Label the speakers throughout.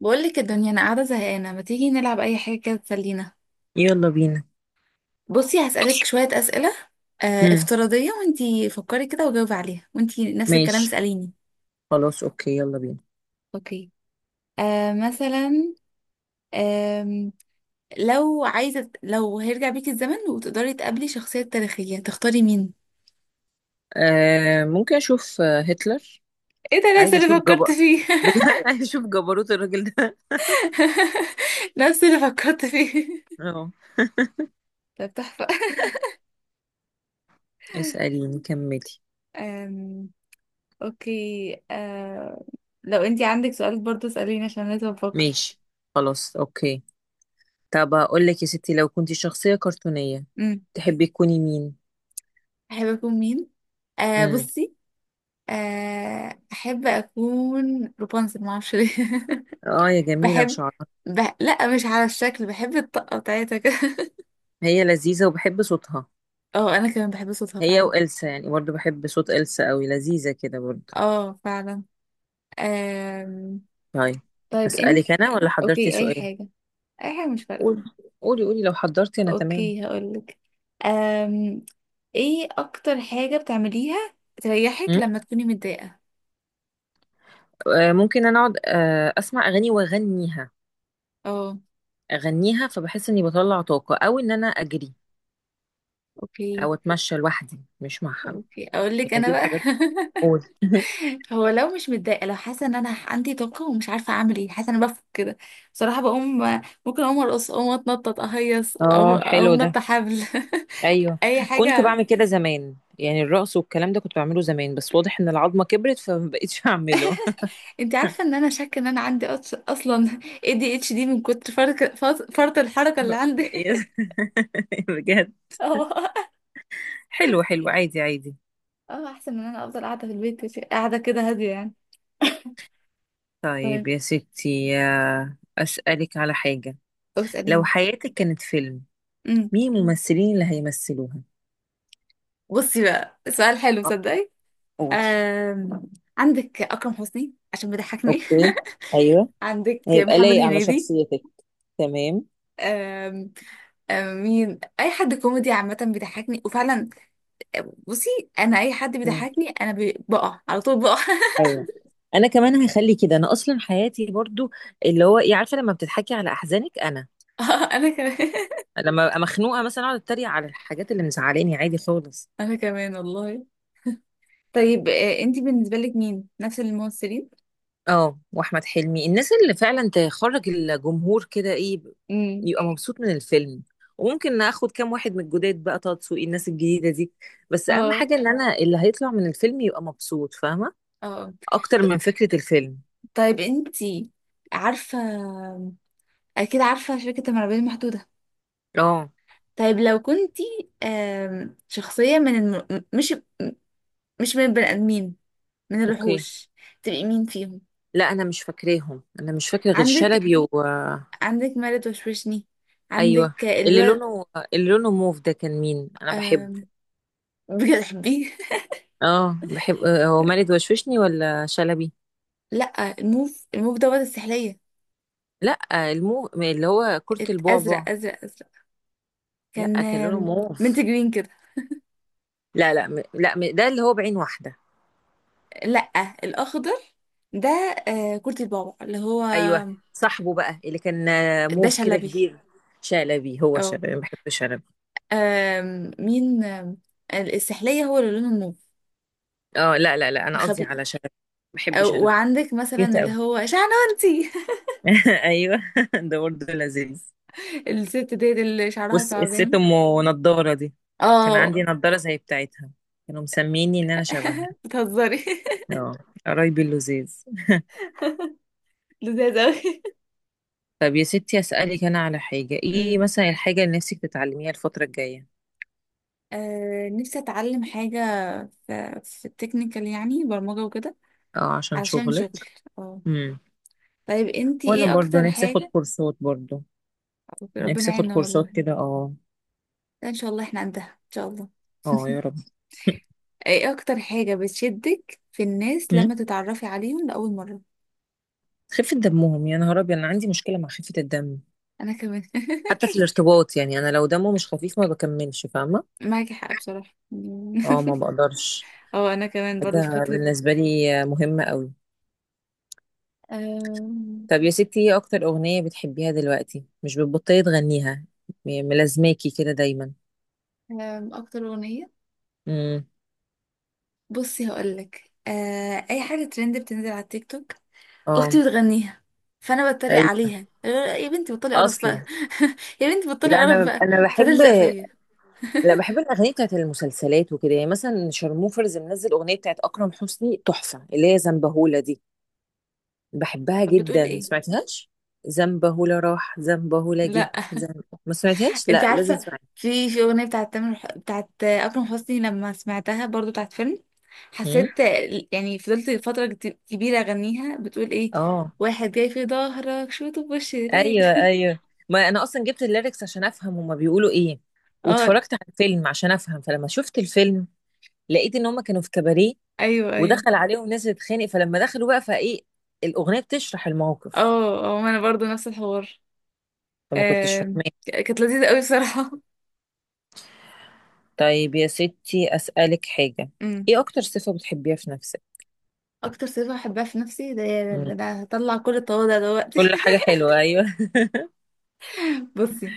Speaker 1: بقول لك الدنيا انا قاعده زهقانه، ما تيجي نلعب اي حاجه كده تسلينا؟
Speaker 2: يلا بينا.
Speaker 1: بصي هسالك شويه اسئله
Speaker 2: مم.
Speaker 1: افتراضيه، وانتي فكري كده وجاوبي عليها، وانتي نفس الكلام
Speaker 2: ماشي.
Speaker 1: اساليني.
Speaker 2: خلاص، اوكي، يلا بينا.
Speaker 1: اوكي. مثلا، آم لو عايزه، لو هيرجع بيكي الزمن وتقدري تقابلي شخصيه تاريخيه تختاري مين؟
Speaker 2: آه، ممكن اشوف هتلر.
Speaker 1: ايه ده، نفس
Speaker 2: عايزه اشوف
Speaker 1: اللي فكرت فيه
Speaker 2: بجد. عايزه اشوف جبروت الراجل ده.
Speaker 1: نفس اللي فكرت فيه
Speaker 2: اه.
Speaker 1: طب تحفه.
Speaker 2: اسأليني، كملي.
Speaker 1: آم اوكي. لو انتي عندك سؤال برضه اساليني عشان لازم افكر.
Speaker 2: ماشي، خلاص، اوكي. طب اقول لك يا ستي، لو كنت شخصية كرتونية تحبي تكوني مين؟
Speaker 1: احب اكون مين؟
Speaker 2: امم
Speaker 1: بصي، احب اكون روبانزل، ما اعرفش ليه
Speaker 2: اه، يا جميلة
Speaker 1: بحب،
Speaker 2: وشعرها.
Speaker 1: لا مش على الشكل، بحب الطاقه بتاعتها كده
Speaker 2: هي لذيذة وبحب صوتها.
Speaker 1: اه، انا كمان بحب صوتها
Speaker 2: هي
Speaker 1: فعلا.
Speaker 2: وإلسا، يعني برضو بحب صوت إلسا قوي، لذيذة كده برضو.
Speaker 1: اه فعلا. آم...
Speaker 2: طيب،
Speaker 1: طيب انت.
Speaker 2: أسألك أنا ولا حضرتي
Speaker 1: اوكي، اي
Speaker 2: سؤال؟
Speaker 1: حاجه، اي حاجه مش فارقه.
Speaker 2: قولي، قولي، قولي، لو حضرتي أنا تمام.
Speaker 1: اوكي هقولك. آم... ايه اكتر حاجه بتعمليها تريحك
Speaker 2: مم.
Speaker 1: لما تكوني متضايقه؟
Speaker 2: آه، ممكن انا اقعد اسمع اغاني واغنيها.
Speaker 1: اه.
Speaker 2: اغنيها، فبحس اني بطلع طاقه، او ان انا اجري،
Speaker 1: اوكي
Speaker 2: او اتمشى لوحدي مش مع حد.
Speaker 1: اوكي، اقولك
Speaker 2: يعني
Speaker 1: انا
Speaker 2: دي
Speaker 1: بقى
Speaker 2: الحاجات. قول.
Speaker 1: هو لو مش متضايقه، لو حاسه ان انا عندي طاقه ومش عارفه اعمل ايه، حاسه ان انا بفك كده. بصراحه بقوم، ممكن اقوم ارقص، اقوم اتنطط اهيص، اقوم،
Speaker 2: اه، حلو
Speaker 1: اقوم نط
Speaker 2: ده.
Speaker 1: حبل
Speaker 2: ايوه.
Speaker 1: اي
Speaker 2: كنت
Speaker 1: حاجه.
Speaker 2: بعمل كده زمان، يعني الرقص والكلام ده كنت بعمله زمان، بس واضح ان العظمه كبرت فما بقتش اعمله.
Speaker 1: انت عارفه ان انا شاكه ان انا عندي اصلا اي دي اتش دي من كتر فرط فرط فرط الحركه اللي عندي
Speaker 2: إيه؟ بجد؟
Speaker 1: اه
Speaker 2: حلو، حلو، عادي، عادي.
Speaker 1: اه، احسن من انا افضل قاعده في البيت قاعده كده هاديه يعني.
Speaker 2: طيب
Speaker 1: طيب
Speaker 2: يا ستي، اسالك على حاجه. لو
Speaker 1: اساليني.
Speaker 2: حياتك كانت فيلم،
Speaker 1: امم.
Speaker 2: مين الممثلين اللي هيمثلوها؟
Speaker 1: بصي بقى سؤال حلو صدقي.
Speaker 2: قولي.
Speaker 1: آم، عندك اكرم حسني عشان بيضحكني
Speaker 2: اوكي، ايوه،
Speaker 1: عندك
Speaker 2: هيبقى
Speaker 1: محمد
Speaker 2: لايق على
Speaker 1: هنيدي.
Speaker 2: شخصيتك، تمام.
Speaker 1: أم مين؟ اي حد كوميدي عامه بيضحكني وفعلا. بصي، انا اي حد
Speaker 2: مم.
Speaker 1: بيضحكني انا بقع على طول، بقع
Speaker 2: ايوه، انا كمان هخلي كده، انا اصلا حياتي برضو اللي هو ايه، عارفه لما بتضحكي على احزانك، انا
Speaker 1: آه، انا كمان
Speaker 2: لما ابقى مخنوقه مثلا اقعد اتريق على الحاجات اللي مزعلاني، عادي خالص.
Speaker 1: انا كمان والله. طيب انتي بالنسبه لك مين نفس الممثلين؟
Speaker 2: اه، واحمد حلمي، الناس اللي فعلا تخرج الجمهور كده ايه
Speaker 1: امم.
Speaker 2: يبقى مبسوط من الفيلم. وممكن اخد كام واحد من الجداد بقى، طه دسوقي، الناس الجديده دي. بس اهم
Speaker 1: اه
Speaker 2: حاجه ان انا اللي هيطلع من الفيلم يبقى مبسوط، فاهمه،
Speaker 1: اه.
Speaker 2: اكتر
Speaker 1: ط-
Speaker 2: من فكره الفيلم.
Speaker 1: طيب انتي عارفه، اكيد عارفه شركه المرعبين المحدوده؟
Speaker 2: اه،
Speaker 1: طيب لو كنتي شخصيه من مش مش من البني ادمين، من
Speaker 2: اوكي.
Speaker 1: الوحوش، تبقي مين فيهم؟
Speaker 2: لا، انا مش فاكراهم، انا مش فاكره غير
Speaker 1: عندك،
Speaker 2: شلبي و...
Speaker 1: عندك ما لا توشوشني،
Speaker 2: ايوه،
Speaker 1: عندك
Speaker 2: اللي
Speaker 1: الواد
Speaker 2: لونه، اللي لونه موف ده كان مين؟ انا بحبه.
Speaker 1: آم، بتحبيه؟
Speaker 2: اه، بحب هو مالد وشوشني ولا شلبي؟
Speaker 1: لا، الموف، الموف دوت السحلية.
Speaker 2: لا، المو اللي هو كرة
Speaker 1: ازرق
Speaker 2: البعبع.
Speaker 1: ازرق ازرق، كان
Speaker 2: لا، كان لونه
Speaker 1: منت
Speaker 2: موف.
Speaker 1: جرين كده.
Speaker 2: لا، لا، لا، ده اللي هو بعين واحدة.
Speaker 1: لا، الاخضر ده، كورتي البابا اللي هو.
Speaker 2: ايوه، صاحبه بقى اللي كان
Speaker 1: ده
Speaker 2: موف كده
Speaker 1: شلبي.
Speaker 2: كبير. شلبي، هو
Speaker 1: اه.
Speaker 2: شلبي، أنا بحب شلبي.
Speaker 1: مين؟ السحلية هو اللي لونه موف،
Speaker 2: اه، لا، لا، لا، انا قصدي
Speaker 1: الخبيث.
Speaker 2: على شلبي، بحب شلبي.
Speaker 1: وعندك مثلا
Speaker 2: كيوت قوي.
Speaker 1: اللي هو شعنونتي
Speaker 2: ايوه. ده برضه لذيذ.
Speaker 1: الست ديت اللي شعرها
Speaker 2: بص، الست
Speaker 1: ثعبان.
Speaker 2: ام نضاره دي كان
Speaker 1: اه
Speaker 2: عندي نضاره زي بتاعتها، كانوا مسميني ان انا شبهها.
Speaker 1: بتهزري؟
Speaker 2: اه. قرايبي اللزاز.
Speaker 1: لذيذ أوي
Speaker 2: طب يا ستي اسالك انا على حاجه: ايه
Speaker 1: امم.
Speaker 2: مثلا الحاجه اللي نفسك تتعلميها الفتره الجايه؟
Speaker 1: نفسي اتعلم حاجه في التكنيكال يعني، برمجه وكده،
Speaker 2: اه، عشان
Speaker 1: علشان
Speaker 2: شغلك.
Speaker 1: شغل. اه.
Speaker 2: امم.
Speaker 1: طيب انتي
Speaker 2: وانا
Speaker 1: ايه
Speaker 2: برضو
Speaker 1: اكتر
Speaker 2: نفسي اخد
Speaker 1: حاجه؟
Speaker 2: كورسات، برضو
Speaker 1: ربنا
Speaker 2: نفسي اخد
Speaker 1: يعيننا
Speaker 2: كورسات
Speaker 1: والله.
Speaker 2: كده، اه.
Speaker 1: ده ان شاء الله، احنا عندها ان شاء الله.
Speaker 2: اه، يا رب.
Speaker 1: ايه اكتر حاجه بتشدك في الناس
Speaker 2: مم.
Speaker 1: لما تتعرفي عليهم لاول مره؟
Speaker 2: خفة دمهم، يا نهار أبيض، أنا عندي مشكلة مع خفة الدم.
Speaker 1: انا كمان
Speaker 2: حتى في الارتباط، يعني أنا لو دمه مش خفيف ما بكملش، فاهمة.
Speaker 1: معاكي حق بصراحه
Speaker 2: اه، ما بقدرش.
Speaker 1: اه انا كمان برضو في
Speaker 2: ده
Speaker 1: خطوه.
Speaker 2: بالنسبة لي مهمة قوي.
Speaker 1: أم...
Speaker 2: طب يا ستي، ايه اكتر اغنية بتحبيها دلوقتي مش بتبطلي تغنيها، ملازماكي كده دايما؟
Speaker 1: اكتر اغنيه؟
Speaker 2: امم.
Speaker 1: بصي هقولك، اي حاجه ترند بتنزل على التيك توك، اختي
Speaker 2: اه،
Speaker 1: بتغنيها، فانا بتريق
Speaker 2: ايوه.
Speaker 1: عليها، يا بنتي بطلي قرف بقى
Speaker 2: اصلا
Speaker 1: يا بنتي بطلي
Speaker 2: لا،
Speaker 1: قرف
Speaker 2: انا
Speaker 1: بقى،
Speaker 2: انا بحب.
Speaker 1: فتلزق فيا.
Speaker 2: لا، بحب الاغاني بتاعت المسلسلات وكده، يعني مثلا شارموفرز منزل اغنيه بتاعت اكرم حسني تحفه اللي هي زنبهولة دي. بحبها
Speaker 1: طب بتقول
Speaker 2: جدا،
Speaker 1: ايه؟
Speaker 2: سمعتهاش؟ زنبهولة راح، زنبهولة جه،
Speaker 1: لا.
Speaker 2: ما سمعتهاش؟
Speaker 1: انت
Speaker 2: لا، لازم
Speaker 1: عارفه،
Speaker 2: تسمعيها.
Speaker 1: في اغنيه بتاعت بتاعت اكرم حسني، لما سمعتها برضو بتاعت فيلم،
Speaker 2: أمم.
Speaker 1: حسيت يعني، فضلت فتره كبيره اغنيها. بتقول ايه؟
Speaker 2: اه،
Speaker 1: واحد جاي في ظهرك شوطه بوش
Speaker 2: ايوه،
Speaker 1: رجلك
Speaker 2: ايوه. ما انا اصلا جبت الليركس عشان افهم هما بيقولوا ايه.
Speaker 1: اه
Speaker 2: واتفرجت على الفيلم عشان افهم، فلما شفت الفيلم لقيت ان هما كانوا في كباريه،
Speaker 1: ايوه ايوه.
Speaker 2: ودخل عليهم ناس تتخانق، فلما دخلوا بقى فايه الاغنيه بتشرح الموقف.
Speaker 1: اه اه، ما انا برضو نفس الحوار.
Speaker 2: فما كنتش فاهماه.
Speaker 1: كانت لذيذه قوي بصراحه
Speaker 2: طيب يا ستي اسالك حاجه:
Speaker 1: امم.
Speaker 2: ايه اكتر صفه بتحبيها في نفسك؟
Speaker 1: اكتر صفة بحبها في نفسي ده، ده
Speaker 2: مم.
Speaker 1: انا هطلع كل التواضع دلوقتي
Speaker 2: كل حاجه حلوه، ايوه،
Speaker 1: بصي،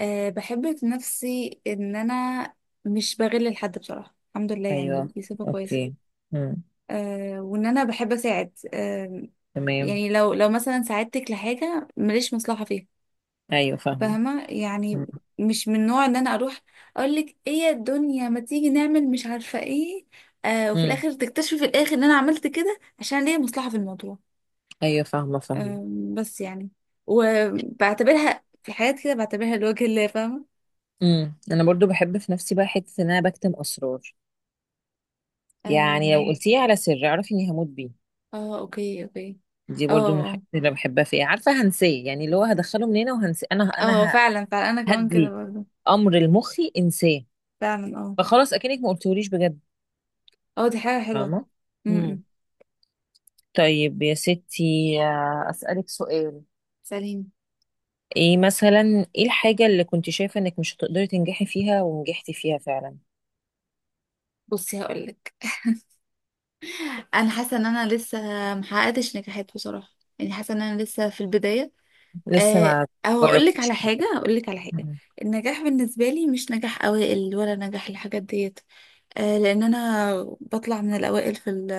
Speaker 1: أه بحب في نفسي ان انا مش بغل لحد بصراحة، الحمد لله،
Speaker 2: ايوه،
Speaker 1: يعني دي صفة كويسة.
Speaker 2: اوكي. مم.
Speaker 1: أه وان انا بحب اساعد. أه
Speaker 2: تمام،
Speaker 1: يعني لو، مثلا ساعدتك لحاجة ماليش مصلحة فيها،
Speaker 2: ايوه، فاهمه.
Speaker 1: فاهمة يعني؟
Speaker 2: مم.
Speaker 1: مش من نوع ان انا اروح اقولك ايه يا الدنيا ما تيجي نعمل مش عارفة ايه، أه وفي
Speaker 2: مم.
Speaker 1: الاخر تكتشفي، في الاخر، ان انا عملت كده عشان ليا مصلحة في الموضوع.
Speaker 2: ايوه، فاهمه، فاهمه.
Speaker 1: بس يعني، وبعتبرها في حاجات كده بعتبرها لوجه الله، فاهمة؟
Speaker 2: مم. انا برضو بحب في نفسي بقى حته ان انا بكتم اسرار، يعني لو
Speaker 1: أم،
Speaker 2: قلتيه على سر اعرفي اني هموت بيه.
Speaker 1: اه اوكي اوكي.
Speaker 2: دي
Speaker 1: اه
Speaker 2: برضو من
Speaker 1: اه
Speaker 2: الحاجات اللي بحبها فيه، عارفه هنساه، يعني اللي هو هدخله من هنا وهنساه، انا
Speaker 1: اه
Speaker 2: انا ه-
Speaker 1: فعلا فعلا، انا كمان كده
Speaker 2: هدي
Speaker 1: برضو.
Speaker 2: امر لمخي انساه.
Speaker 1: فعلا اه
Speaker 2: فخلاص، اكنك ما قلتوليش بجد،
Speaker 1: اه، دي حاجة حلوة.
Speaker 2: فاهمه. امم.
Speaker 1: امم.
Speaker 2: طيب يا ستي، اسالك سؤال.
Speaker 1: سليم.
Speaker 2: ايه مثلا، ايه الحاجه اللي كنت شايفه انك مش هتقدري تنجحي فيها ونجحتي فيها فعلا؟
Speaker 1: بصي هقولك، انا حاسة ان انا لسه محققتش نجاحات بصراحة، يعني حاسة ان انا لسه في البداية.
Speaker 2: لسه ما
Speaker 1: او هقولك على
Speaker 2: جربتيش
Speaker 1: حاجة،
Speaker 2: فيها.
Speaker 1: هقولك على حاجة.
Speaker 2: مم.
Speaker 1: النجاح بالنسبة لي مش نجاح اوائل ولا نجاح الحاجات ديت. لان انا بطلع من الاوائل في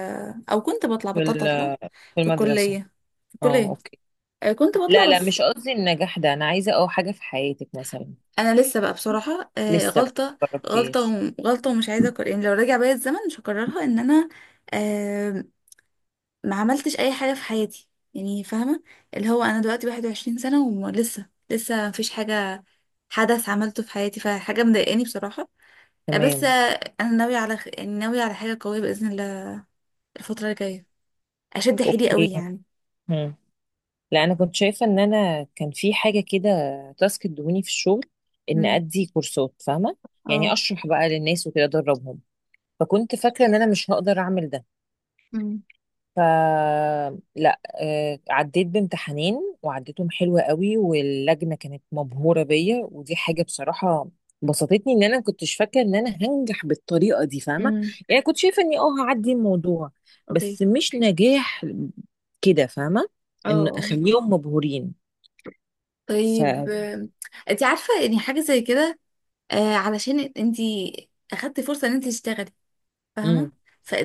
Speaker 1: او كنت بطلع،
Speaker 2: في
Speaker 1: بطلت اطلع،
Speaker 2: ال- في
Speaker 1: في
Speaker 2: المدرسه.
Speaker 1: الكليه، في
Speaker 2: اه،
Speaker 1: الكليه.
Speaker 2: اوكي.
Speaker 1: كنت
Speaker 2: لا،
Speaker 1: بطلع
Speaker 2: لا،
Speaker 1: بس.
Speaker 2: مش قصدي النجاح ده، انا عايزه اه حاجه في حياتك مثلا.
Speaker 1: انا لسه بقى بصراحه
Speaker 2: لسه بقى
Speaker 1: غلطه،
Speaker 2: ما جربتيش.
Speaker 1: غلطه ومش عايزه أكرر. يعني لو راجع بيا الزمن مش هكررها، ان انا، آه، ما عملتش اي حاجه في حياتي، يعني فاهمه؟ اللي هو انا دلوقتي 21 سنه ولسه مفيش حاجه حدث عملته في حياتي، فحاجه مضايقاني بصراحه. بس
Speaker 2: تمام،
Speaker 1: انا ناويه على يعني ناويه على حاجه قويه باذن الله الفتره الجايه، اشد حيلي
Speaker 2: اوكي.
Speaker 1: قوي يعني.
Speaker 2: مم. لا، انا كنت شايفه ان انا كان في حاجه كده، تاسك ادوني في الشغل ان
Speaker 1: امم.
Speaker 2: ادي كورسات، فاهمه، يعني
Speaker 1: اه
Speaker 2: اشرح بقى للناس وكده ادربهم، فكنت فاكره ان انا مش هقدر اعمل ده.
Speaker 1: امم
Speaker 2: ف، لا عديت بامتحانين، وعديتهم حلوة قوي، واللجنة كانت مبهورة بيا، ودي حاجة بصراحة بسطتني، ان انا كنتش فاكرة ان انا هنجح بالطريقة دي، فاهمة.
Speaker 1: امم.
Speaker 2: يعني كنت شايفة اني اه هعدي الموضوع،
Speaker 1: اوكي.
Speaker 2: بس مش نجاح كده، فاهمة،
Speaker 1: اه.
Speaker 2: ان
Speaker 1: آه.
Speaker 2: اخليهم مبهورين. ف
Speaker 1: طيب انت عارفه يعني حاجه زي كده، آه علشان انت اخدتي فرصه ان انت تشتغلي،
Speaker 2: امم
Speaker 1: فاهمه،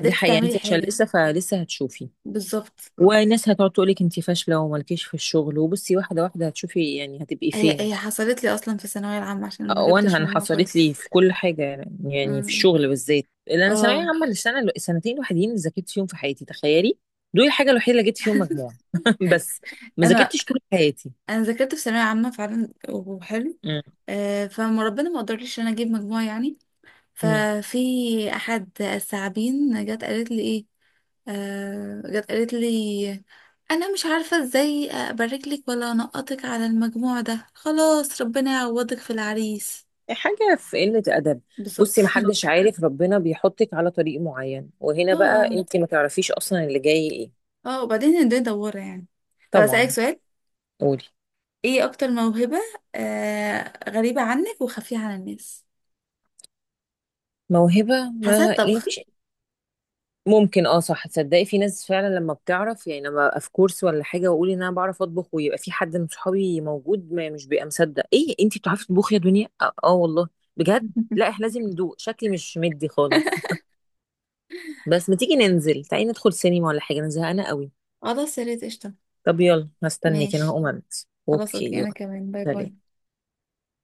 Speaker 2: دي حقيقة، يعني
Speaker 1: تعملي
Speaker 2: انت عشان
Speaker 1: حاجه.
Speaker 2: لسه، فلسه هتشوفي،
Speaker 1: بالظبط.
Speaker 2: وناس هتقعد تقولك انت فاشلة ومالكيش في الشغل، وبصي واحدة واحدة هتشوفي، يعني هتبقي فين.
Speaker 1: هي حصلت لي اصلا في الثانويه العامه عشان ما
Speaker 2: وانا
Speaker 1: جبتش
Speaker 2: انا
Speaker 1: مجموع
Speaker 2: حصلت لي
Speaker 1: كويس.
Speaker 2: في كل حاجه، يعني، يعني في
Speaker 1: أمم.
Speaker 2: الشغل بالذات، لان انا ثانويه
Speaker 1: اه،
Speaker 2: عامه، السنه السنتين الوحيدين اللي ذاكرت فيهم في حياتي، تخيلي، دول الحاجه الوحيده اللي جبت فيهم مجموع. بس ما
Speaker 1: انا
Speaker 2: ذاكرتش طول حياتي.
Speaker 1: انا ذاكرت في ثانويه عامه فعلا وحلو،
Speaker 2: مم.
Speaker 1: فما ربنا ما قدرليش ان انا اجيب مجموع يعني،
Speaker 2: مم.
Speaker 1: ففي احد الثعابين جت قالت لي جت قالت لي انا مش عارفه ازاي ابارك لك ولا انقطك على المجموع ده، خلاص ربنا يعوضك في العريس.
Speaker 2: حاجه في قله ادب.
Speaker 1: بالظبط
Speaker 2: بصي، ما حدش عارف ربنا بيحطك على طريق معين، وهنا
Speaker 1: اه
Speaker 2: بقى
Speaker 1: اه
Speaker 2: انت ما تعرفيش اصلا اللي جاي ايه.
Speaker 1: اه، وبعدين الدنيا دواره يعني. طب اسالك
Speaker 2: طبعا.
Speaker 1: سؤال.
Speaker 2: قولي.
Speaker 1: ايه اكتر موهبه غريبه عنك وخفيه عن الناس؟
Speaker 2: موهبه،
Speaker 1: حاسه
Speaker 2: ما يعني
Speaker 1: الطبخ
Speaker 2: مفيش، ممكن اه صح، تصدقي في ناس فعلا لما بتعرف، يعني لما ابقى في كورس ولا حاجه واقول ان انا بعرف اطبخ ويبقى في حد من صحابي موجود ما مش بيبقى مصدق، ايه انتي بتعرفي تطبخي يا دنيا! اه، آه والله، بجد. لا، احنا لازم ندوق، شكلي مش مدي خالص. بس ما تيجي ننزل، تعالي ندخل سينما ولا حاجه، انا زهقانه قوي.
Speaker 1: خلاص يا ريت قشطه.
Speaker 2: طب يلا هستنيك، انا
Speaker 1: ماشي،
Speaker 2: هقوم البس،
Speaker 1: خلاص
Speaker 2: اوكي
Speaker 1: اوكي، انا
Speaker 2: يلا.
Speaker 1: كمان، باي باي.
Speaker 2: سلام.